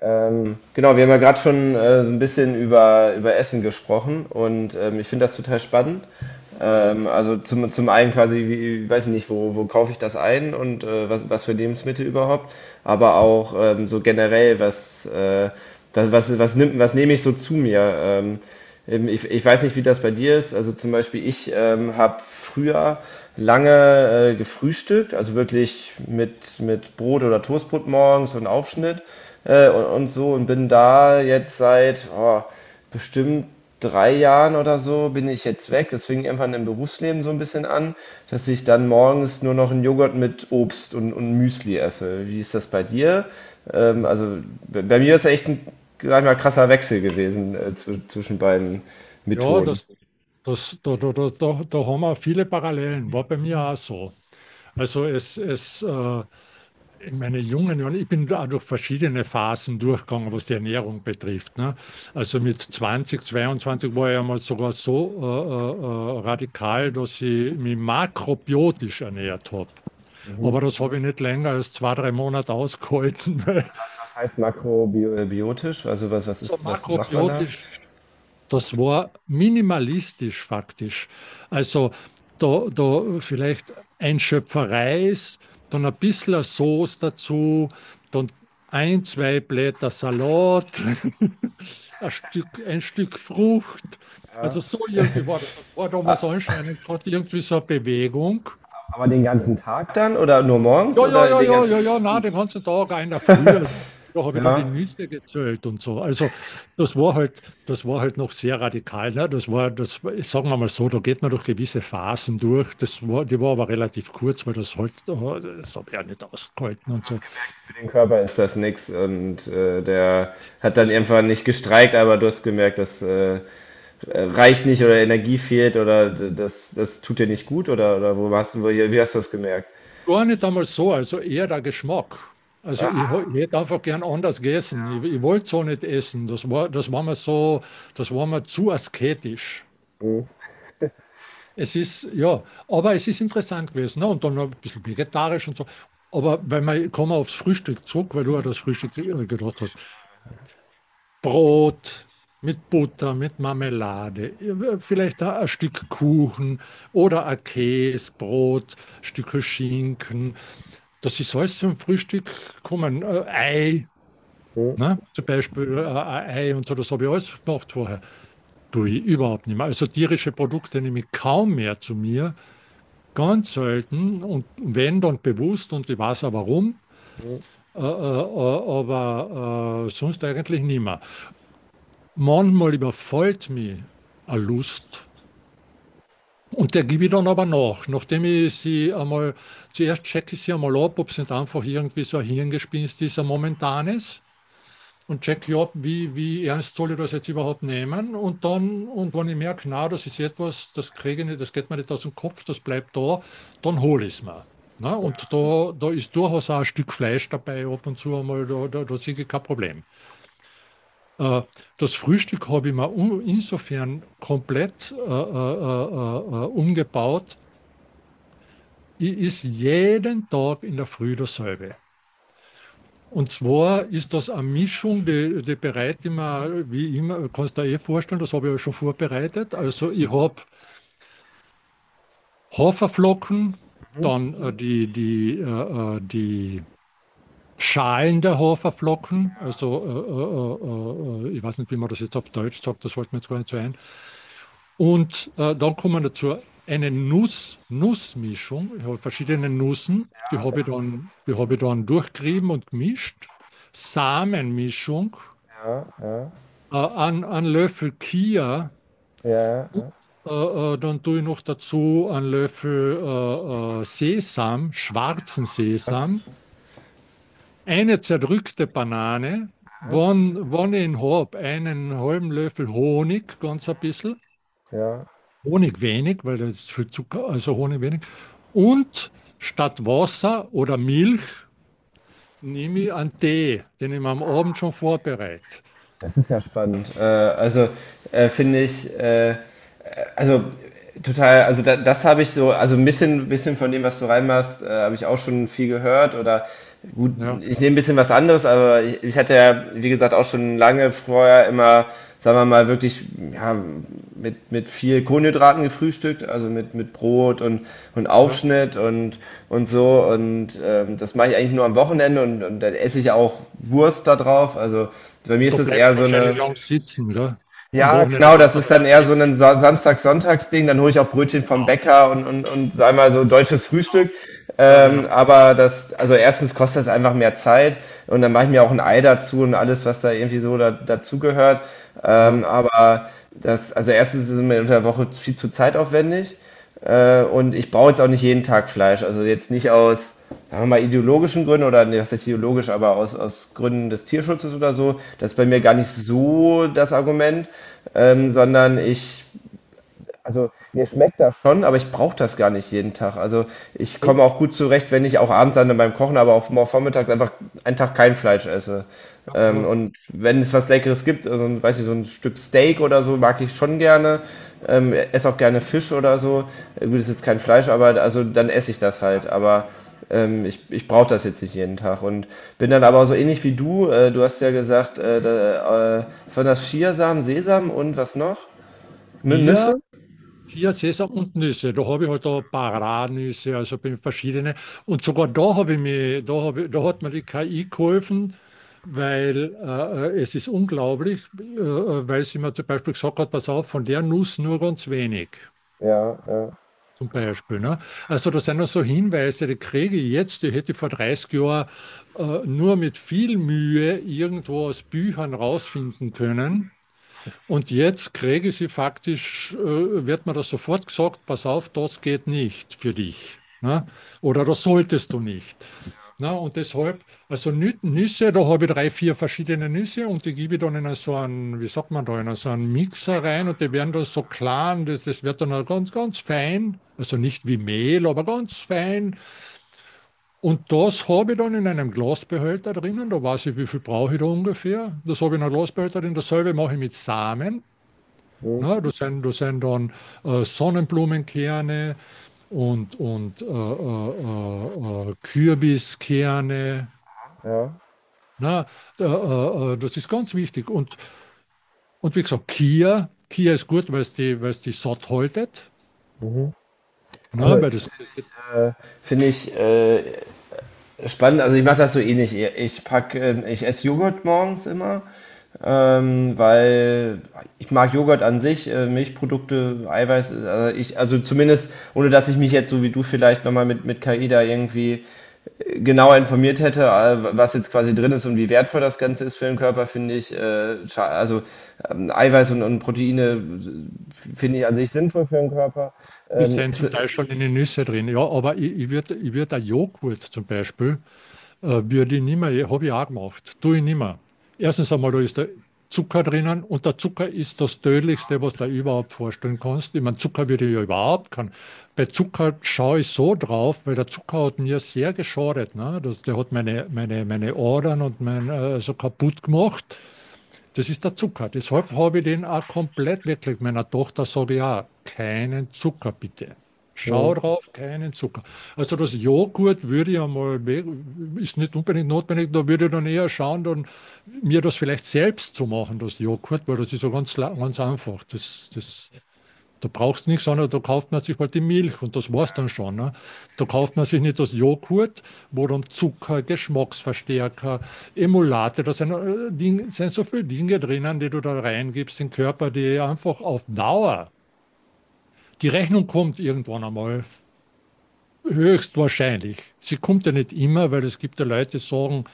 Genau, Wir haben ja gerade schon so ein bisschen über Essen gesprochen und ich finde das total spannend. Ja, Also zum einen quasi, wie, weiß ich nicht, wo kaufe ich das ein und was für Lebensmittel überhaupt, aber auch so generell, das, was, was, nimmt, was nehme ich so zu mir? Ich weiß nicht, wie das bei dir ist. Also zum Beispiel, ich habe früher lange gefrühstückt, also wirklich mit Brot oder Toastbrot morgens und Aufschnitt und so und bin da jetzt seit bestimmt 3 Jahren oder so bin ich jetzt weg. Das fing irgendwann im Berufsleben so ein bisschen an, dass ich dann morgens nur noch einen Joghurt mit Obst und Müsli esse. Wie ist das bei dir? Also bei mir ist echt ein, sag ich mal, krasser Wechsel gewesen zwischen beiden ja, Methoden. das, da haben wir viele Parallelen. War bei mir auch so. Also es In meinen jungen Jahren, ich bin da auch durch verschiedene Phasen durchgegangen, was die Ernährung betrifft. Ne? Also mit 20, 22 war ich einmal sogar so radikal, dass ich mich makrobiotisch ernährt habe. Mhm. Aber das habe ich nicht länger als zwei, drei Monate ausgehalten, weil Was heißt makrobiotisch? Also was so ist, was macht man da? makrobiotisch. Das war minimalistisch faktisch. Also da vielleicht ein Schöpfer Reis, dann ein bisschen Sauce dazu, dann ein, zwei Blätter Salat, ein Stück Frucht. Ja. Also so irgendwie war das. Das war damals A- anscheinend gerade irgendwie so eine Bewegung. Aber den ganzen Tag dann oder nur morgens ja, ja, oder ja, den ja, ganzen? ja, ja, na, den ganzen Tag, einer früher, also, da habe ich dann die Ja. Nüsse gezählt und so. Also das war halt noch sehr radikal. Ne? Sagen wir mal so, da geht man durch gewisse Phasen durch. Die war aber relativ kurz, weil das halt, oh, das habe ich ja nicht ausgehalten Also und du so. hast gemerkt, für den Körper ist das nix und der hat dann Das war irgendwann nicht gestreikt, aber du hast gemerkt, das reicht nicht oder Energie fehlt oder das tut dir nicht gut oder wo hast du, wie hast du das gemerkt? gar nicht einmal so, also eher der Geschmack. Also ich hätte einfach gern anders gegessen. Ich wollte so nicht essen. Das war mir so, das war mir zu asketisch. Mhm. Es ist, ja, aber es ist interessant gewesen. Ne? Und dann noch ein bisschen vegetarisch und so. Aber wenn man, kommen wir aufs Frühstück zurück, weil du ja das Frühstück gedacht hast. Brot mit Butter, mit Marmelade, vielleicht ein Stück Kuchen oder ein Käsebrot, Stücke Schinken. Das ist alles zum Frühstück kommen. Ei, Mhm. ne? Zum Beispiel ein Ei und so, das habe ich alles gemacht vorher. Tue ich überhaupt nicht mehr. Also tierische Produkte nehme ich kaum mehr zu mir. Ganz selten und wenn dann bewusst und ich weiß auch warum, aber sonst eigentlich nimmer. Manchmal überfällt mich eine Lust und der gebe ich dann aber nach, nachdem ich sie einmal, zuerst checke ich sie einmal ab, ob es nicht einfach irgendwie so ein Hirngespinst ist, ein momentanes. Und checke ab, wie, wie ernst soll ich das jetzt überhaupt nehmen. Und dann, und wenn ich merke, na, das ist etwas, das kriege ich nicht, das geht mir nicht aus dem Kopf, das bleibt da, dann hole ich es mir. Na, und da ist durchaus auch ein Stück Fleisch dabei, ab und zu einmal, da sehe ich kein Problem. Äh, Das Frühstück habe ich mir um, insofern komplett umgebaut. Ich ist jeden Tag in der Früh dasselbe. Und zwar ist das eine Mischung, die bereite ich mir, wie immer, kannst du dir eh vorstellen, das habe ich ja schon vorbereitet. Also ich habe Haferflocken, Mhm. dann die Schalen der Haferflocken, also ich weiß nicht, wie man das jetzt auf Deutsch sagt, das fällt mir jetzt gar nicht so ein. Und dann kommen dazu eine Nuss, Nussmischung, ich habe verschiedene Nüssen, Ja, die habe ich dann durchgerieben und gemischt. Samenmischung, ja, ja, ein Löffel Chia, ja, äh, dann tue ich noch dazu einen Löffel Sesam, schwarzen ja, Sesam, eine zerdrückte Banane, wann ich ihn habe, einen halben Löffel Honig, ganz ein bisschen, ja. Honig wenig, weil das ist viel Zucker, also Honig wenig, und statt Wasser oder Milch nehme ich einen Tee, den ich mir am Abend schon vorbereite. Das ist ja spannend. Also finde ich, also total, also da, das habe ich so, also bisschen von dem, was du reinmachst, habe ich auch schon viel gehört oder gut, Ja, ich nehme ein bisschen was anderes, aber ich hatte ja, wie gesagt, auch schon lange vorher immer, sagen wir mal, wirklich ja, mit viel Kohlenhydraten gefrühstückt, also mit Brot und ja. Aufschnitt und so und das mache ich eigentlich nur am Wochenende und dann esse ich auch Wurst da drauf, also bei mir Und ist da das bleibst eher du so wahrscheinlich eine lang sitzen, oder? Am ja, Wochenende genau, das bleibt man ist dann dann auch eher so sitzen. ein Samstag-Sonntags-Ding. Dann hole ich auch Brötchen vom Bäcker und sag mal so deutsches Frühstück. Ja, genau. Aber das, also erstens kostet das einfach mehr Zeit und dann mache ich mir auch ein Ei dazu und alles, was da irgendwie so da, dazugehört. Ja, Aber das, also erstens ist es mir unter der Woche viel zu zeitaufwendig. Und ich brauche jetzt auch nicht jeden Tag Fleisch. Also jetzt nicht aus, sagen wir mal, ideologischen Gründen oder nee, was ist ideologisch, aber aus Gründen des Tierschutzes oder so. Das ist bei mir ja. gar nicht so das Argument, sondern ich also mir schmeckt das schon, aber ich brauche das gar nicht jeden Tag. Also ich komme Du. auch gut zurecht, wenn ich auch abends dann beim Kochen, aber auch mal vormittags einfach einen Tag kein Fleisch esse. Ja, ja. Und wenn es was Leckeres gibt, also, weiß ich, so ein Stück Steak oder so, mag ich schon gerne. Esse auch gerne Fisch oder so. Gut, ist jetzt kein Fleisch, aber also dann esse ich das halt. Ja. Aber ich brauche das jetzt nicht jeden Tag. Und bin dann aber so ähnlich wie du. Du hast ja gesagt, was waren das? Chiasamen, Sesam und was noch? Hier, Nüsse? hier Sesam und Nüsse. Da habe ich halt da Paranüsse, also bin verschiedene. Und sogar da habe ich mir, da habe, ich- da hat mir die KI geholfen, weil es ist unglaublich, weil sie mir zum Beispiel gesagt hat, pass auf, von der Nuss nur ganz wenig. Ja, ja. Zum Beispiel. Ne? Also das sind auch so Hinweise, die kriege ich jetzt, die hätte ich vor 30 Jahren nur mit viel Mühe irgendwo aus Büchern rausfinden können. Und jetzt kriege sie faktisch, wird mir das sofort gesagt, pass auf, das geht nicht für dich. Ne? Oder das solltest du nicht. Na, und deshalb, also Nüsse, da habe ich drei, vier verschiedene Nüsse und die gebe ich dann in so einen, wie sagt man da, in so einen So ein Mixer Häcksler, rein und wie die auch werden dann so klar und das wird dann auch ganz fein. Also nicht wie Mehl, aber ganz fein. Und das habe ich dann in einem Glasbehälter drinnen, da weiß ich, wie viel brauche ich da ungefähr. Das habe ich in einem Glasbehälter drin, dasselbe mache ich mit Samen. immer. Hm, Ne? Das sind dann Sonnenblumenkerne und Kürbiskerne. ja. Ne? Das ist ganz wichtig. Und wie gesagt, Kia, Kia ist gut, weil es die satt haltet. Also, Ne? Das finde ich spannend. Also, ich mache das so ähnlich. Ich pack, ich esse Joghurt morgens immer, weil ich mag Joghurt an sich, Milchprodukte, Eiweiß. Also, ich, also zumindest, ohne dass ich mich jetzt so wie du vielleicht nochmal mit KI da irgendwie genauer informiert hätte, was jetzt quasi drin ist und wie wertvoll das Ganze ist für den Körper, finde ich, also Eiweiß und Proteine finde ich an sich sinnvoll für den Körper. Das Ähm, sind es, zum Teil schon in den Nüsse drin. Ja, aber ich würd ein Joghurt zum Beispiel würde ich nicht mehr, habe ich auch gemacht, tue ich nicht mehr. Erstens einmal, da ist der Zucker drinnen und der Zucker ist das Tödlichste, was du dir überhaupt vorstellen kannst. Ich meine, Zucker würde ich ja überhaupt kann. Bei Zucker schaue ich so drauf, weil der Zucker hat mir sehr geschadet. Ne? Das, der hat meine, meine Adern und mein, so kaputt gemacht. Das ist der Zucker. Deshalb habe ich den auch komplett wirklich meiner Tochter sage ich auch, keinen Zucker bitte. hm, Schau drauf, keinen Zucker. Also das Joghurt würde ich einmal, ist nicht unbedingt notwendig, da würde ich dann eher schauen, dann mir das vielleicht selbst zu machen, das Joghurt, weil das ist so ganz ganz einfach. Das da brauchst du nichts, sondern da kauft man sich halt die Milch und das war's dann schon. Ne? Da kauft man sich nicht das Joghurt, wo dann Zucker, Geschmacksverstärker, Emulate, da sind, Ding, sind so viele Dinge drinnen, die du da reingibst in den Körper, die einfach auf Dauer, die Rechnung kommt irgendwann einmal, höchstwahrscheinlich. Sie kommt ja nicht immer, weil es gibt ja Leute, die sagen,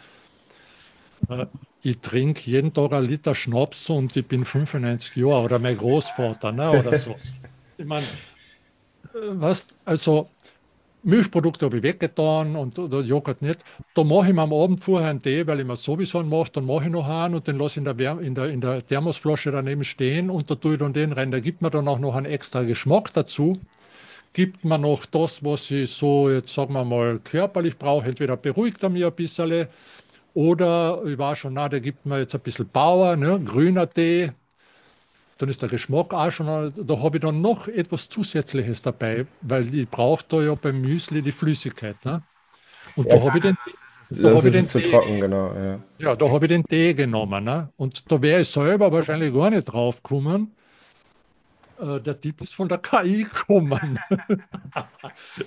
äh, ich trinke jeden Tag einen Liter Schnaps und ich bin 95 Jahre oder mein Großvater ne, oder so. Ich meine, was, also Milchprodukte habe ich weggetan und oder Joghurt nicht. Da mache ich mir am Abend vorher einen Tee, weil ich mir sowieso einen mache. Dann mache ich noch einen und den lasse ich in der, Wärm- in der Thermosflasche daneben stehen und da tue ich dann den rein. Da gibt mir dann auch noch einen extra Geschmack dazu. Gibt mir noch das, was ich so jetzt, sagen wir mal, körperlich brauche. Entweder beruhigt er mich ein bisschen oder ich war schon, na, der gibt mir jetzt ein bisschen Bauer, ne? Grüner Tee. Dann ist der Geschmack auch schon, da habe ich dann noch etwas Zusätzliches dabei, weil ich brauche da ja beim Müsli die Flüssigkeit. Ne? Und ja da klar, habe ich den, das ist es, und da sonst habe ich ist es den zu Tee, trocken, genau. Ja. ja, da habe ich den Tee genommen. Ne? Und da wäre ich selber wahrscheinlich gar nicht drauf gekommen. Der Tipp ist von der KI gekommen.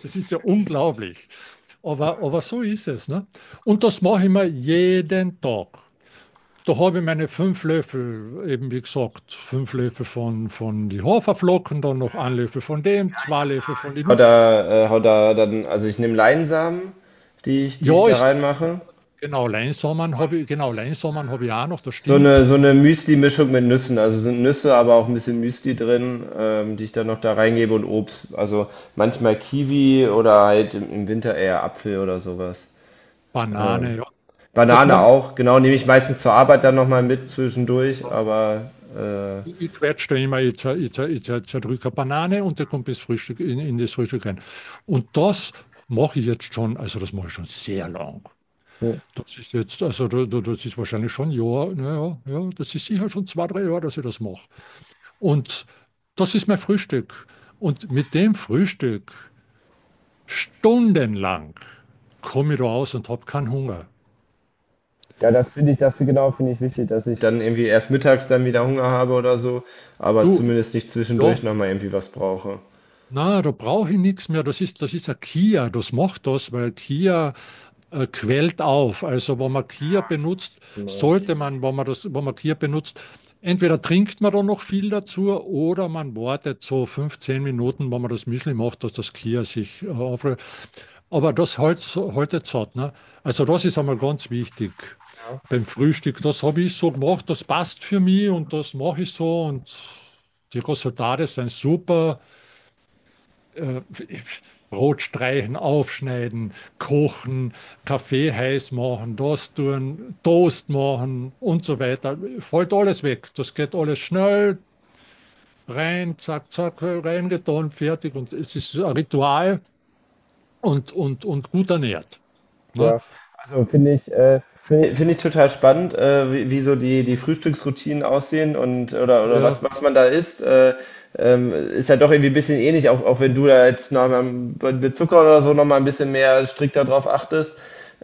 Es ist ja unglaublich. Aber so ist es. Ne? Und das mache ich mir jeden Tag. Da habe ich meine fünf Löffel, eben wie gesagt, fünf Löffel von die Haferflocken, dann noch ein Löffel von dem, zwei Löffel von den. Hau da dann, also ich nehme Leinsamen, die ich Ja, da ist reinmache. genau Leinsamen habe ich, genau Leinsamen habe ich auch noch, das stimmt. So eine Müsli-Mischung mit Nüssen. Also, sind Nüsse, aber auch ein bisschen Müsli drin, die ich dann noch da reingebe und Obst. Also, manchmal Kiwi oder halt im Winter eher Apfel oder sowas. Ähm, Banane, ja. Das Banane mache auch, genau, nehme ich meistens zur Arbeit dann noch mal mit zwischendurch, aber, äh, Ich quetsche da immer, jetzt zer, ich zerdrücke eine Banane und der kommt bis Frühstück in das Frühstück rein. Und das mache ich jetzt schon, also das mache ich schon sehr lang. hm, Das ist jetzt, also das ist wahrscheinlich schon ein Jahr, naja, ja, ja, das ist sicher schon zwei, drei Jahre, dass ich das mache. Und das ist mein Frühstück. Und mit dem Frühstück stundenlang komme ich da aus und habe keinen Hunger. ja, das finde ich genau, finde ich wichtig, dass ich dann irgendwie erst mittags dann wieder Hunger habe oder so, aber Du, zumindest nicht ja, zwischendurch noch mal irgendwie was brauche. na, da brauche ich nichts mehr. Das ist ein Kia, das macht das, weil Kia quält auf. Also, wenn man Kia benutzt, Genau. sollte man, wenn man Kia benutzt, entweder trinkt man da noch viel dazu oder man wartet so fünf, zehn Minuten, wenn man das Müsli macht, dass das Kia sich aufrührt. Aber das halt, haltet satt, ne? Also, das ist einmal ganz wichtig beim Frühstück. Das habe ich so gemacht, das passt für mich und das mache ich so und die Resultate sind super. äh, Brot streichen, aufschneiden, kochen, Kaffee heiß machen, das tun, Toast machen und so weiter. Fällt alles weg. Das geht alles schnell, rein, zack, zack, reingetan, fertig. Und es ist ein Ritual und, und gut ernährt. Ne? Ja, also finde ich, finde ich, finde ich total spannend, wie so die Frühstücksroutinen aussehen und oder Ja, was man da isst. Ist ja doch irgendwie ein bisschen ähnlich, auch wenn du da jetzt noch mal mit Zucker oder so nochmal ein bisschen mehr strikter drauf achtest,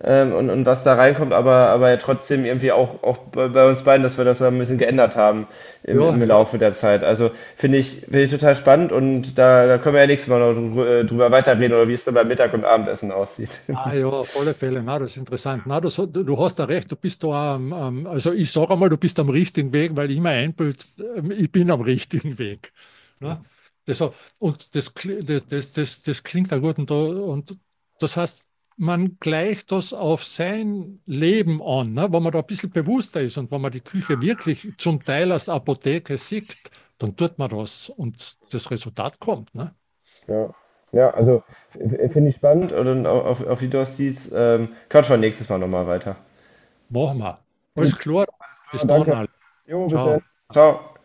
und was da reinkommt, aber ja trotzdem irgendwie auch bei uns beiden, dass wir das da ein bisschen geändert haben ja, im ja, Laufe der Zeit. Also finde ich total spannend und da können wir ja nächstes Mal noch drüber weiterreden oder wie es dann beim Mittag- und Abendessen aussieht. Ah ja, auf alle Fälle. Na, das ist interessant. Na, das, du hast da recht, du bist da am, am also ich sage einmal, du bist am richtigen Weg, weil ich mir einbild, ich bin am richtigen Weg. Na? Das, und das, kli- das, das, das, das klingt da gut. Und das heißt, man gleicht das auf sein Leben an, ne? Wenn man da ein bisschen bewusster ist und wenn man die Küche wirklich zum Teil als Apotheke sieht, dann tut man das und das Resultat kommt. Ne? Ja, ja, also finde ich spannend und auf die Dostis quatschen wir nächstes Mal nochmal weiter. Machen wir. Gut, Alles klar. alles klar, Bis dann, danke. alle. Jo, bis dann. Ciao. Ciao.